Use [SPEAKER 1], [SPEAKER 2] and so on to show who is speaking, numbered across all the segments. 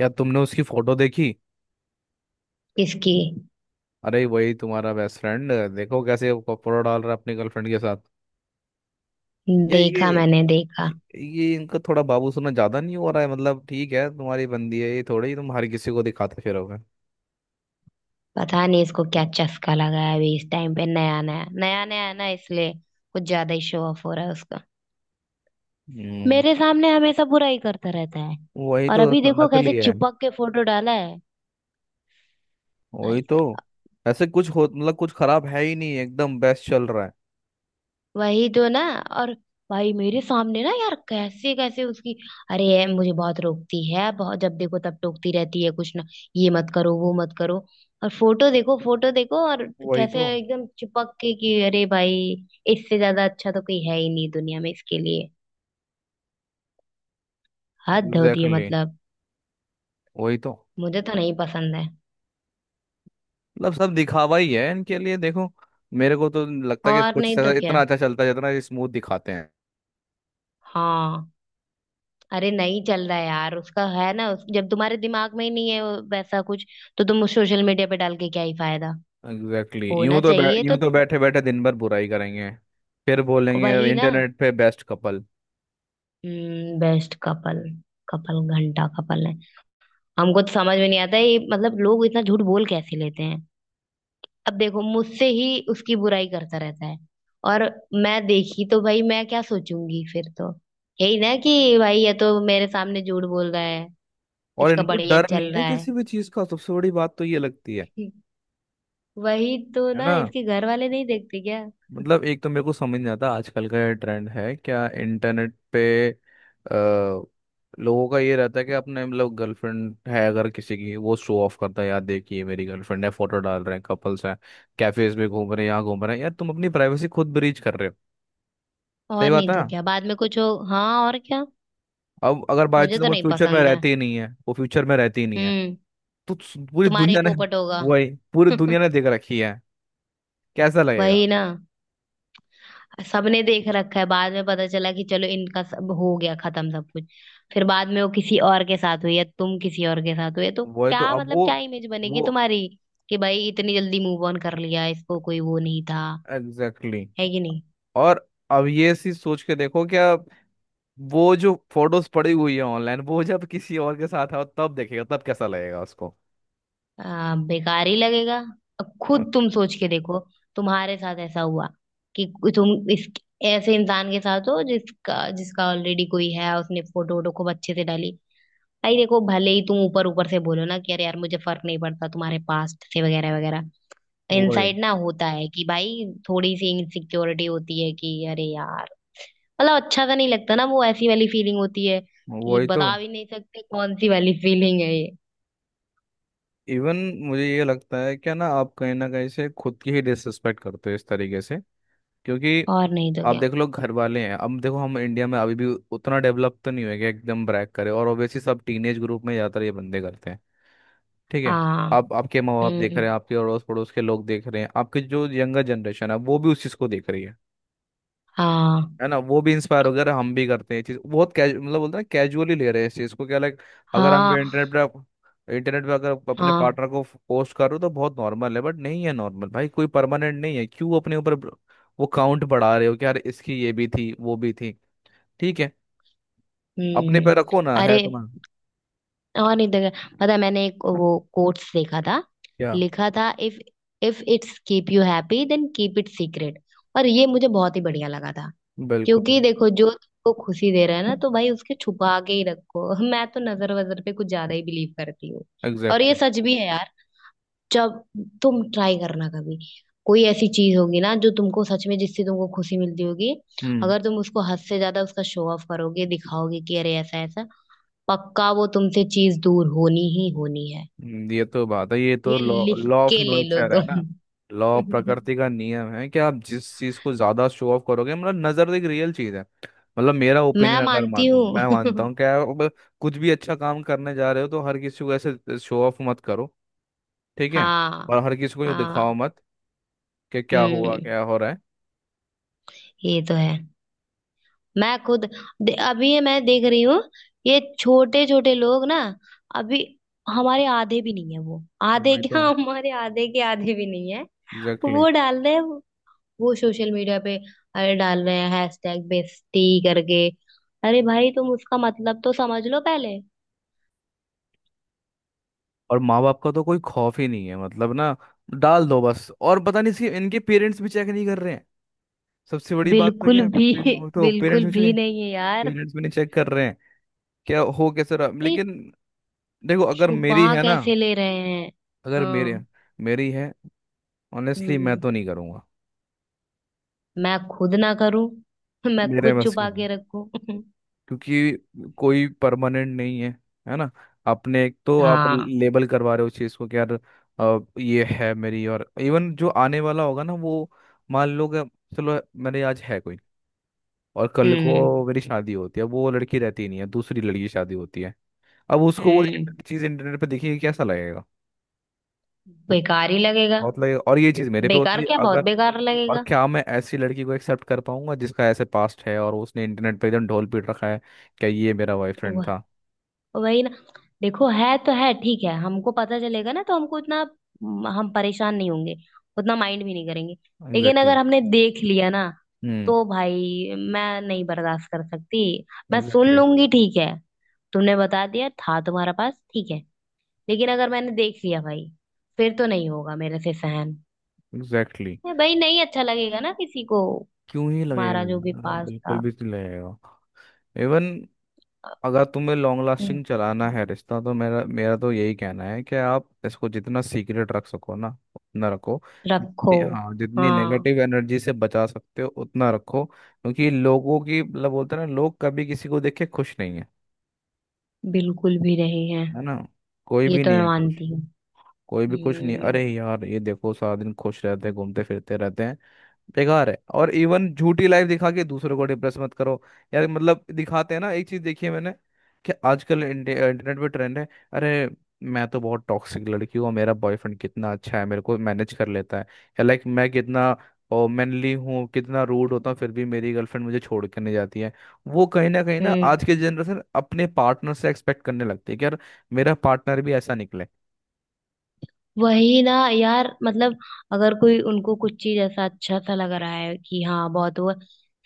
[SPEAKER 1] या तुमने उसकी फोटो देखी?
[SPEAKER 2] इसकी।
[SPEAKER 1] अरे वही तुम्हारा बेस्ट फ्रेंड देखो कैसे वो कपड़ा डाल रहा है अपनी गर्लफ्रेंड के साथ. ये
[SPEAKER 2] देखा,
[SPEAKER 1] ये
[SPEAKER 2] मैंने देखा।
[SPEAKER 1] ये इनका थोड़ा बाबू सुना ज्यादा नहीं हो रहा है. मतलब ठीक है तुम्हारी बंदी है ये थोड़ी तुम हर किसी को दिखाते फिरोगे.
[SPEAKER 2] पता नहीं इसको क्या चस्का लगा है अभी इस टाइम पे नया नया नया नया है ना इसलिए कुछ ज्यादा ही शो ऑफ हो रहा है उसका।
[SPEAKER 1] हम्म.
[SPEAKER 2] मेरे सामने हमेशा बुरा ही करता रहता है।
[SPEAKER 1] वही
[SPEAKER 2] और
[SPEAKER 1] तो.
[SPEAKER 2] अभी देखो कैसे
[SPEAKER 1] नकली है.
[SPEAKER 2] चिपक के फोटो डाला है। भाई
[SPEAKER 1] वही तो.
[SPEAKER 2] साहब।
[SPEAKER 1] ऐसे कुछ हो मतलब कुछ खराब है ही नहीं एकदम बेस्ट चल रहा है.
[SPEAKER 2] वही तो ना। और भाई मेरे सामने ना यार कैसे कैसे उसकी। अरे ये मुझे बहुत टोकती है, बहुत जब देखो तब टोकती रहती है कुछ ना। ये मत करो, वो मत करो। और फोटो देखो, फोटो देखो और
[SPEAKER 1] वही
[SPEAKER 2] कैसे
[SPEAKER 1] तो.
[SPEAKER 2] एकदम चिपक के कि अरे भाई इससे ज्यादा अच्छा तो कोई है ही नहीं दुनिया में इसके लिए। हद होती है
[SPEAKER 1] एग्जैक्टली exactly.
[SPEAKER 2] मतलब।
[SPEAKER 1] वही तो.
[SPEAKER 2] मुझे तो नहीं पसंद है।
[SPEAKER 1] मतलब सब दिखावा ही है इनके लिए देखो. मेरे को तो लगता है कि
[SPEAKER 2] और
[SPEAKER 1] कुछ
[SPEAKER 2] नहीं तो क्या।
[SPEAKER 1] इतना अच्छा चलता है जितना स्मूथ दिखाते हैं.
[SPEAKER 2] हाँ। अरे नहीं चल रहा है यार उसका है ना जब तुम्हारे दिमाग में ही नहीं है वो वैसा कुछ तो तुम सोशल मीडिया पे डाल के क्या ही फायदा।
[SPEAKER 1] Exactly exactly.
[SPEAKER 2] होना चाहिए तो।
[SPEAKER 1] यूं तो बैठे बैठे दिन भर बुराई करेंगे. फिर बोलेंगे
[SPEAKER 2] वही ना।
[SPEAKER 1] इंटरनेट पे best couple.
[SPEAKER 2] Best couple. Couple घंटा कपल है। हमको तो समझ में नहीं आता ये, मतलब लोग इतना झूठ बोल कैसे लेते हैं। अब देखो मुझसे ही उसकी बुराई करता रहता है। और मैं देखी तो भाई मैं क्या सोचूंगी फिर तो यही ना कि भाई ये तो मेरे सामने झूठ बोल रहा है।
[SPEAKER 1] और
[SPEAKER 2] इसका
[SPEAKER 1] इनको
[SPEAKER 2] बढ़िया
[SPEAKER 1] डर नहीं
[SPEAKER 2] चल
[SPEAKER 1] है
[SPEAKER 2] रहा है।
[SPEAKER 1] किसी भी चीज का, सबसे बड़ी बात तो ये लगती है.
[SPEAKER 2] वही तो
[SPEAKER 1] है
[SPEAKER 2] ना
[SPEAKER 1] ना.
[SPEAKER 2] इसके घर वाले नहीं देखते क्या।
[SPEAKER 1] मतलब एक तो मेरे को समझ नहीं आता आजकल का ये ट्रेंड है क्या इंटरनेट पे लोगों का ये रहता है कि अपने मतलब गर्लफ्रेंड है अगर किसी की, वो शो ऑफ करता है यार देखिए मेरी गर्लफ्रेंड है, फोटो डाल रहे हैं कपल्स हैं. कैफेज में घूम रहे हैं यहाँ घूम रहे हैं. यार तुम अपनी प्राइवेसी खुद ब्रीच कर रहे हो.
[SPEAKER 2] और
[SPEAKER 1] सही बात
[SPEAKER 2] नहीं
[SPEAKER 1] है.
[SPEAKER 2] तो क्या, बाद में कुछ हो। हाँ और क्या।
[SPEAKER 1] अब अगर बाई
[SPEAKER 2] मुझे
[SPEAKER 1] चांस
[SPEAKER 2] तो
[SPEAKER 1] वो
[SPEAKER 2] नहीं
[SPEAKER 1] फ्यूचर में
[SPEAKER 2] पसंद है।
[SPEAKER 1] रहती ही नहीं है, वो फ्यूचर में रहती ही नहीं है.
[SPEAKER 2] हम्म।
[SPEAKER 1] तो पूरी
[SPEAKER 2] तुम्हारे ही
[SPEAKER 1] दुनिया ने
[SPEAKER 2] पोपट होगा।
[SPEAKER 1] वही. पूरी दुनिया ने देख रखी है. कैसा लगेगा.
[SPEAKER 2] वही ना। सबने देख रखा है, बाद में पता चला कि चलो इनका सब हो गया, खत्म सब कुछ। फिर बाद में वो किसी और के साथ हुई या तुम किसी और के साथ हुए तो
[SPEAKER 1] वही तो.
[SPEAKER 2] क्या
[SPEAKER 1] अब
[SPEAKER 2] मतलब
[SPEAKER 1] वो
[SPEAKER 2] क्या इमेज बनेगी
[SPEAKER 1] वो
[SPEAKER 2] तुम्हारी। कि भाई इतनी जल्दी मूव ऑन कर लिया, इसको कोई वो नहीं था।
[SPEAKER 1] Exactly exactly.
[SPEAKER 2] है कि नहीं।
[SPEAKER 1] और अब ये चीज सोच के देखो क्या. वो जो फोटोज पड़ी हुई है ऑनलाइन, वो जब किसी और के साथ है तब देखेगा तब कैसा लगेगा उसको.
[SPEAKER 2] बेकार ही लगेगा। अब खुद तुम सोच के देखो। तुम्हारे साथ ऐसा हुआ कि तुम इस ऐसे इंसान के साथ हो जिसका जिसका ऑलरेडी कोई है। उसने फोटो वोटो खूब अच्छे से डाली। भाई देखो भले ही तुम ऊपर ऊपर से बोलो ना कि अरे यार मुझे फर्क नहीं पड़ता तुम्हारे पास्ट से वगैरह वगैरह।
[SPEAKER 1] वही.
[SPEAKER 2] इनसाइड ना होता है कि भाई थोड़ी सी इनसिक्योरिटी होती है कि अरे यार मतलब अच्छा सा नहीं लगता ना, वो ऐसी वाली फीलिंग होती है कि
[SPEAKER 1] वही तो.
[SPEAKER 2] बता भी नहीं सकते कौन सी वाली फीलिंग है ये।
[SPEAKER 1] इवन मुझे ये लगता है क्या ना, आप कहीं ना कहीं से खुद की ही डिसरिस्पेक्ट करते हो इस तरीके से. क्योंकि
[SPEAKER 2] और नहीं तो
[SPEAKER 1] आप
[SPEAKER 2] क्या।
[SPEAKER 1] देख लो घर वाले हैं. अब देखो हम इंडिया में अभी भी उतना डेवलप तो नहीं हुए कि एकदम ब्रैक करे, और ऑब्वियसली सब टीनेज ग्रुप में ज़्यादातर ये बंदे करते हैं. ठीक है.
[SPEAKER 2] हाँ।
[SPEAKER 1] आप आपके माँ बाप देख
[SPEAKER 2] हम्म।
[SPEAKER 1] रहे हैं, आपके अड़ोस पड़ोस के लोग देख रहे हैं, आपके जो यंगर जनरेशन है वो भी उस चीज़ को देख रही है.
[SPEAKER 2] हाँ।
[SPEAKER 1] है ना. वो भी इंस्पायर हो गया, अरे हम भी करते हैं ये चीज. बहुत कैजु मतलब बोलते हैं, कैजुअली ले रहे हैं इस चीज को क्या, लाइक अगर हम
[SPEAKER 2] हाँ।
[SPEAKER 1] इंटरनेट पे अगर अपने
[SPEAKER 2] हाँ।
[SPEAKER 1] पार्टनर को पोस्ट करो तो बहुत नॉर्मल है, बट नहीं है नॉर्मल भाई, कोई परमानेंट नहीं है. क्यों अपने ऊपर वो काउंट बढ़ा रहे हो कि यार इसकी ये भी थी वो भी थी. ठीक है. अपने पे
[SPEAKER 2] हम्म।
[SPEAKER 1] रखो ना
[SPEAKER 2] अरे
[SPEAKER 1] है तुम्हारा.
[SPEAKER 2] और नहीं देखा पता है, मैंने एक वो कोट्स देखा था।
[SPEAKER 1] क्या.
[SPEAKER 2] लिखा था, if if it's keep you happy then keep it secret. और ये मुझे बहुत ही बढ़िया लगा था क्योंकि
[SPEAKER 1] बिल्कुल.
[SPEAKER 2] देखो जो तुमको खुशी दे रहा है ना तो भाई उसके छुपा के ही रखो। मैं तो नजर वजर पे कुछ ज्यादा ही बिलीव करती हूँ। और ये
[SPEAKER 1] एग्जैक्टली.
[SPEAKER 2] सच भी है यार। जब तुम ट्राई करना कभी कोई ऐसी चीज होगी ना जो तुमको सच में जिससे तुमको खुशी मिलती होगी।
[SPEAKER 1] हम्म.
[SPEAKER 2] अगर तुम उसको हद से ज्यादा उसका शो ऑफ करोगे, दिखाओगे कि अरे ऐसा ऐसा पक्का वो तुमसे चीज दूर होनी ही होनी है।
[SPEAKER 1] ये तो बात है, ये तो
[SPEAKER 2] ये
[SPEAKER 1] लॉ
[SPEAKER 2] लिख
[SPEAKER 1] लॉ ऑफ
[SPEAKER 2] के ले लो
[SPEAKER 1] नेचर है ना.
[SPEAKER 2] तुम।
[SPEAKER 1] लॉ, प्रकृति का नियम है कि आप जिस चीज को ज्यादा शो ऑफ करोगे, मतलब नजर एक रियल चीज है. मतलब मेरा
[SPEAKER 2] मैं
[SPEAKER 1] ओपिनियन, अगर
[SPEAKER 2] मानती
[SPEAKER 1] मानता हूँ, मैं मानता
[SPEAKER 2] हूँ।
[SPEAKER 1] हूँ क्या अब. कुछ भी अच्छा काम करने जा रहे हो तो हर किसी को ऐसे शो ऑफ मत करो. ठीक है.
[SPEAKER 2] हाँ।
[SPEAKER 1] और हर किसी को ये
[SPEAKER 2] हाँ।
[SPEAKER 1] दिखाओ मत कि क्या हुआ
[SPEAKER 2] हम्म।
[SPEAKER 1] क्या हो रहा है.
[SPEAKER 2] ये तो है। मैं खुद अभी ये मैं देख रही हूँ। ये छोटे छोटे लोग ना अभी हमारे आधे भी नहीं है, वो आधे
[SPEAKER 1] वही
[SPEAKER 2] क्या
[SPEAKER 1] तो.
[SPEAKER 2] हमारे आधे के आधे भी नहीं है।
[SPEAKER 1] Exactly exactly.
[SPEAKER 2] वो डाल रहे हैं वो सोशल मीडिया पे। अरे डाल रहे हैं हैशटैग बेस्टी करके। अरे भाई तुम उसका मतलब तो समझ लो पहले।
[SPEAKER 1] और माँ बाप का तो कोई खौफ ही नहीं है मतलब ना. डाल दो बस, और पता नहीं सी इनके पेरेंट्स भी चेक नहीं कर रहे हैं. सबसे बड़ी बात तो
[SPEAKER 2] बिल्कुल
[SPEAKER 1] क्या है
[SPEAKER 2] भी
[SPEAKER 1] वो तो पेरेंट्स
[SPEAKER 2] बिल्कुल
[SPEAKER 1] भी
[SPEAKER 2] भी
[SPEAKER 1] चेक.
[SPEAKER 2] नहीं है यार।
[SPEAKER 1] पेरेंट्स भी नहीं चेक कर रहे हैं क्या हो कैसे रहा,
[SPEAKER 2] अरे
[SPEAKER 1] लेकिन देखो अगर मेरी
[SPEAKER 2] छुपा
[SPEAKER 1] है ना,
[SPEAKER 2] कैसे ले रहे हैं।
[SPEAKER 1] अगर मेरे
[SPEAKER 2] हाँ।
[SPEAKER 1] मेरी है, ऑनेस्टली मैं
[SPEAKER 2] हम्म।
[SPEAKER 1] तो नहीं करूंगा.
[SPEAKER 2] मैं खुद ना करूं। मैं
[SPEAKER 1] मेरे
[SPEAKER 2] खुद
[SPEAKER 1] बस की,
[SPEAKER 2] छुपा के रखूं।
[SPEAKER 1] क्योंकि कोई परमानेंट नहीं है. है ना. आपने, एक तो आप
[SPEAKER 2] हाँ।
[SPEAKER 1] लेबल करवा रहे हो चीज को कि यार ये है मेरी. और इवन जो आने वाला होगा ना वो, मान लो कि, चलो मेरे आज है कोई, और कल
[SPEAKER 2] हम्म।
[SPEAKER 1] को मेरी शादी होती है, वो लड़की रहती नहीं है, दूसरी लड़की की शादी होती है. अब उसको वो
[SPEAKER 2] हम्म।
[SPEAKER 1] चीज इंटरनेट पे देखिए, कैसा लगेगा.
[SPEAKER 2] बेकार ही लगेगा।
[SPEAKER 1] बहुत लगेगा. और ये चीज मेरे पे होती
[SPEAKER 2] बेकार
[SPEAKER 1] है
[SPEAKER 2] क्या, बहुत
[SPEAKER 1] अगर,
[SPEAKER 2] बेकार
[SPEAKER 1] और
[SPEAKER 2] लगेगा।
[SPEAKER 1] क्या मैं ऐसी लड़की को एक्सेप्ट कर पाऊंगा जिसका ऐसे पास्ट है और उसने इंटरनेट पे एकदम ढोल पीट रखा है क्या ये मेरा बॉयफ्रेंड
[SPEAKER 2] वह।
[SPEAKER 1] था.
[SPEAKER 2] वही ना। देखो है तो है ठीक है, हमको पता चलेगा ना तो हमको इतना हम परेशान नहीं होंगे। उतना माइंड भी नहीं करेंगे। लेकिन अगर
[SPEAKER 1] एग्जैक्टली.
[SPEAKER 2] हमने देख लिया ना
[SPEAKER 1] हम्म.
[SPEAKER 2] तो भाई मैं नहीं बर्दाश्त कर सकती। मैं सुन
[SPEAKER 1] एग्जैक्टली.
[SPEAKER 2] लूंगी ठीक है, तुमने बता दिया था तुम्हारा पास, ठीक है। लेकिन अगर मैंने देख लिया भाई फिर तो नहीं होगा मेरे से सहन।
[SPEAKER 1] एग्जैक्टली.
[SPEAKER 2] भाई नहीं अच्छा लगेगा ना किसी को
[SPEAKER 1] क्यों ही लगेगा.
[SPEAKER 2] तुम्हारा जो भी
[SPEAKER 1] यार,
[SPEAKER 2] पास
[SPEAKER 1] बिल्कुल
[SPEAKER 2] था।
[SPEAKER 1] भी तो नहीं लगेगा. इवन अगर तुम्हें लॉन्ग
[SPEAKER 2] हम्म।
[SPEAKER 1] लास्टिंग चलाना है रिश्ता, तो मेरा मेरा तो यही कहना है कि आप इसको जितना सीक्रेट रख सको ना उतना रखो.
[SPEAKER 2] रखो।
[SPEAKER 1] हाँ, जितनी
[SPEAKER 2] हाँ।
[SPEAKER 1] नेगेटिव एनर्जी से बचा सकते हो उतना रखो, क्योंकि लोगों की, मतलब बोलते हैं ना, लोग कभी किसी को देख के खुश नहीं है.
[SPEAKER 2] बिल्कुल भी नहीं है।
[SPEAKER 1] है ना. कोई
[SPEAKER 2] ये
[SPEAKER 1] भी
[SPEAKER 2] तो
[SPEAKER 1] नहीं
[SPEAKER 2] मैं
[SPEAKER 1] है खुश.
[SPEAKER 2] मानती हूँ।
[SPEAKER 1] कोई भी खुश नहीं है.
[SPEAKER 2] हम्म।
[SPEAKER 1] अरे यार ये देखो, सारा दिन खुश रहते हैं, घूमते फिरते रहते हैं. बेकार है. और इवन झूठी लाइफ दिखा के दूसरों को डिप्रेस मत करो यार. मतलब दिखाते हैं ना, एक चीज देखी है मैंने कि आजकल इंटरनेट पे ट्रेंड है, अरे मैं तो बहुत टॉक्सिक लड़की हूँ, मेरा बॉयफ्रेंड कितना अच्छा है मेरे को मैनेज कर लेता है. या लाइक, मैं कितना मैनली हूँ, कितना रूड होता हूँ, फिर भी मेरी गर्लफ्रेंड मुझे छोड़ के नहीं जाती है. वो कहीं ना कहीं ना,
[SPEAKER 2] हम्म।
[SPEAKER 1] आज के जनरेशन अपने पार्टनर से एक्सपेक्ट करने लगती है कि यार मेरा पार्टनर भी ऐसा निकले.
[SPEAKER 2] वही ना यार मतलब अगर कोई उनको कुछ चीज ऐसा अच्छा सा लग रहा है कि हाँ बहुत हुआ,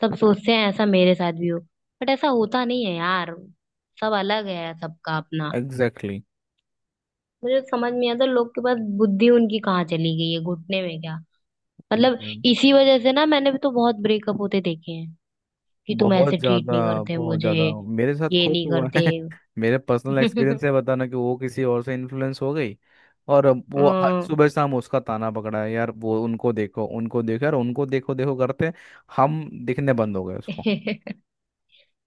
[SPEAKER 2] सब सोचते हैं ऐसा मेरे साथ भी हो। बट ऐसा होता नहीं है यार। सब अलग है, सबका अपना।
[SPEAKER 1] एग्जैक्टली
[SPEAKER 2] मुझे समझ नहीं आता लोग के पास बुद्धि उनकी कहाँ चली गई है, घुटने में क्या। मतलब।
[SPEAKER 1] exactly.
[SPEAKER 2] इसी वजह से ना मैंने भी तो बहुत ब्रेकअप होते देखे हैं कि तुम ऐसे
[SPEAKER 1] बहुत
[SPEAKER 2] ट्रीट
[SPEAKER 1] ज्यादा.
[SPEAKER 2] नहीं करते
[SPEAKER 1] बहुत
[SPEAKER 2] मुझे,
[SPEAKER 1] ज्यादा. मेरे साथ
[SPEAKER 2] ये
[SPEAKER 1] खुद
[SPEAKER 2] नहीं
[SPEAKER 1] हुआ
[SPEAKER 2] करते।
[SPEAKER 1] है मेरे पर्सनल एक्सपीरियंस से बताना, कि वो किसी और से इन्फ्लुएंस हो गई. और अब वो हर
[SPEAKER 2] हम्म।
[SPEAKER 1] सुबह शाम उसका ताना पकड़ा है यार, वो उनको देखो उनको देखो, यार उनको देखो देखो करते हम दिखने बंद हो गए उसको.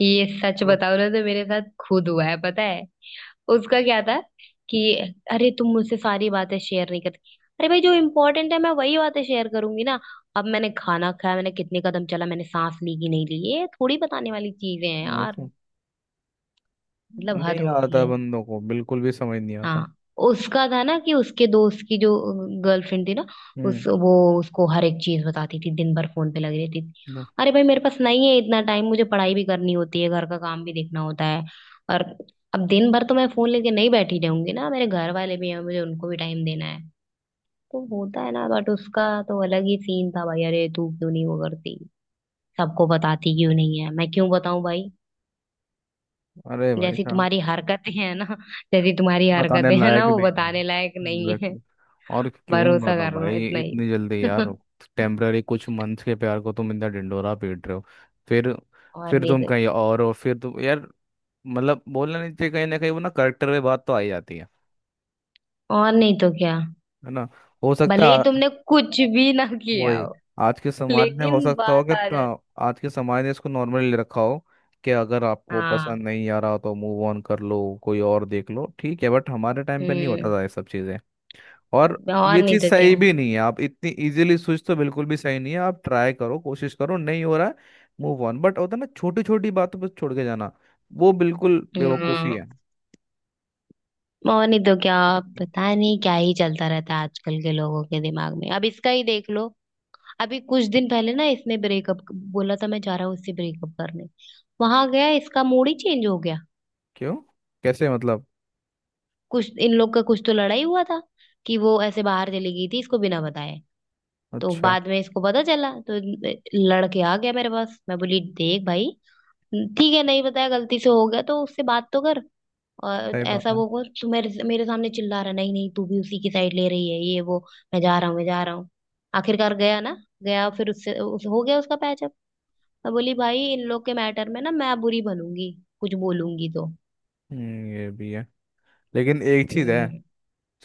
[SPEAKER 2] ये सच
[SPEAKER 1] हाँ,
[SPEAKER 2] बताओ ना तो मेरे साथ खुद हुआ है पता है। उसका क्या था कि अरे तुम मुझसे सारी बातें शेयर नहीं करती। अरे भाई जो इम्पोर्टेंट है मैं वही बातें शेयर करूंगी ना। अब मैंने खाना खाया, मैंने कितने कदम चला, मैंने सांस ली कि नहीं ली, ये थोड़ी बताने वाली चीजें हैं यार।
[SPEAKER 1] वैसे
[SPEAKER 2] मतलब हद
[SPEAKER 1] नहीं
[SPEAKER 2] होती
[SPEAKER 1] आता
[SPEAKER 2] है।
[SPEAKER 1] बंदों को, बिल्कुल भी समझ नहीं आता.
[SPEAKER 2] हाँ। उसका था ना कि उसके दोस्त की जो गर्लफ्रेंड थी ना उस
[SPEAKER 1] हम्म.
[SPEAKER 2] वो उसको हर एक चीज बताती थी, दिन भर फोन पे लगी रहती थी।
[SPEAKER 1] लो.
[SPEAKER 2] अरे भाई मेरे पास नहीं है इतना टाइम, मुझे पढ़ाई भी करनी होती है, घर का काम भी देखना होता है। और अब दिन भर तो मैं फोन लेके नहीं बैठी रहूंगी ना, मेरे घर वाले भी हैं, मुझे उनको भी टाइम देना है। तो होता है ना, बट उसका तो अलग ही सीन था भाई, अरे तू क्यों नहीं वो करती, सबको बताती क्यों नहीं है, मैं क्यों बताऊं भाई।
[SPEAKER 1] अरे भाई
[SPEAKER 2] जैसी
[SPEAKER 1] साहब.
[SPEAKER 2] तुम्हारी हरकतें हैं ना जैसी तुम्हारी
[SPEAKER 1] बताने
[SPEAKER 2] हरकतें हैं ना
[SPEAKER 1] लायक
[SPEAKER 2] वो
[SPEAKER 1] भी नहीं.
[SPEAKER 2] बताने लायक नहीं।
[SPEAKER 1] Exactly. और क्यों नहीं
[SPEAKER 2] भरोसा
[SPEAKER 1] मारना
[SPEAKER 2] करना
[SPEAKER 1] भाई
[SPEAKER 2] इतना ही।
[SPEAKER 1] इतनी जल्दी यार. टेम्पररी कुछ मंथ के प्यार को तुम इतना ढिंढोरा पीट रहे हो. फिर.
[SPEAKER 2] और
[SPEAKER 1] फिर
[SPEAKER 2] नहीं
[SPEAKER 1] तुम
[SPEAKER 2] तो।
[SPEAKER 1] कहीं और हो, फिर तुम, यार मतलब बोलना नहीं चाहिए, कहीं ना कहीं वो ना करेक्टर में बात तो आ ही जाती है.
[SPEAKER 2] और नहीं तो क्या,
[SPEAKER 1] है ना. हो
[SPEAKER 2] भले
[SPEAKER 1] सकता
[SPEAKER 2] ही
[SPEAKER 1] है.
[SPEAKER 2] तुमने कुछ भी ना किया
[SPEAKER 1] वही.
[SPEAKER 2] हो
[SPEAKER 1] आज के समाज ने,
[SPEAKER 2] लेकिन
[SPEAKER 1] हो सकता हो कि
[SPEAKER 2] बात आ जाती।
[SPEAKER 1] आज के समाज ने इसको नॉर्मली ले रखा हो, कि अगर आपको
[SPEAKER 2] हाँ।
[SPEAKER 1] पसंद नहीं आ रहा तो मूव ऑन कर लो कोई और देख लो, ठीक है, बट हमारे टाइम पे नहीं होता
[SPEAKER 2] हम्म।
[SPEAKER 1] था ये सब चीज़ें. और
[SPEAKER 2] और
[SPEAKER 1] ये
[SPEAKER 2] नहीं
[SPEAKER 1] चीज
[SPEAKER 2] तो क्या।
[SPEAKER 1] सही भी नहीं है, आप इतनी इजीली स्विच, तो बिल्कुल भी सही नहीं है. आप ट्राई करो, कोशिश करो, नहीं हो रहा है मूव ऑन, बट होता है ना छोटी छोटी बातों पर छोड़ के जाना, वो बिल्कुल बेवकूफी
[SPEAKER 2] हम्म।
[SPEAKER 1] है.
[SPEAKER 2] और नहीं तो क्या, पता नहीं क्या ही चलता रहता है आजकल के लोगों के दिमाग में। अब इसका ही देख लो। अभी कुछ दिन पहले ना इसने ब्रेकअप बोला था, मैं जा रहा हूँ इससे ब्रेकअप करने। वहां गया, इसका मूड ही चेंज हो गया।
[SPEAKER 1] क्यों, कैसे, मतलब,
[SPEAKER 2] कुछ इन लोग का कुछ तो लड़ाई हुआ था कि वो ऐसे बाहर चली गई थी इसको बिना बताए। तो
[SPEAKER 1] अच्छा.
[SPEAKER 2] बाद में इसको पता चला तो लड़के आ गया मेरे पास। मैं बोली देख भाई ठीक है नहीं बताया, गलती से हो गया तो उससे बात तो कर। और
[SPEAKER 1] सही बात
[SPEAKER 2] ऐसा
[SPEAKER 1] है.
[SPEAKER 2] वो कर, तू मेरे मेरे सामने चिल्ला रहा नहीं, नहीं तू भी उसी की साइड ले रही है ये वो। मैं जा रहा हूँ, मैं जा रहा हूँ। आखिरकार गया ना। गया फिर हो गया उसका पैचअप। मैं बोली भाई इन लोग के मैटर में ना मैं बुरी बनूंगी कुछ बोलूंगी तो।
[SPEAKER 1] ये भी है. लेकिन एक चीज है
[SPEAKER 2] हम्म,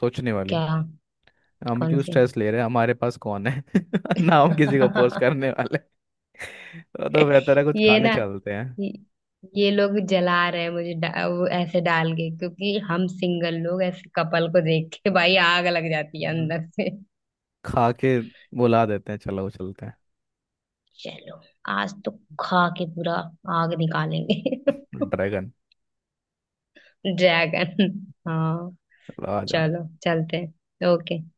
[SPEAKER 1] सोचने वाली.
[SPEAKER 2] क्या।
[SPEAKER 1] हम
[SPEAKER 2] कौन
[SPEAKER 1] क्यों
[SPEAKER 2] सी।
[SPEAKER 1] स्ट्रेस ले रहे हैं, हमारे पास कौन है? ना हम किसी को पोस्ट करने वाले. तो बेहतर है कुछ
[SPEAKER 2] ये
[SPEAKER 1] खाने
[SPEAKER 2] ना
[SPEAKER 1] चलते हैं.
[SPEAKER 2] ये ये लोग जला रहे हैं मुझे वो ऐसे डाल के क्योंकि हम सिंगल लोग ऐसे कपल को देख के भाई आग लग जाती है
[SPEAKER 1] हम्म.
[SPEAKER 2] अंदर से।
[SPEAKER 1] खा के बुला देते हैं चलो चलते
[SPEAKER 2] चलो आज तो खा के पूरा आग निकालेंगे।
[SPEAKER 1] हैं ड्रैगन.
[SPEAKER 2] ड्रैगन। हाँ।
[SPEAKER 1] चलो आ जाओ.
[SPEAKER 2] चलो चलते हैं, ओके।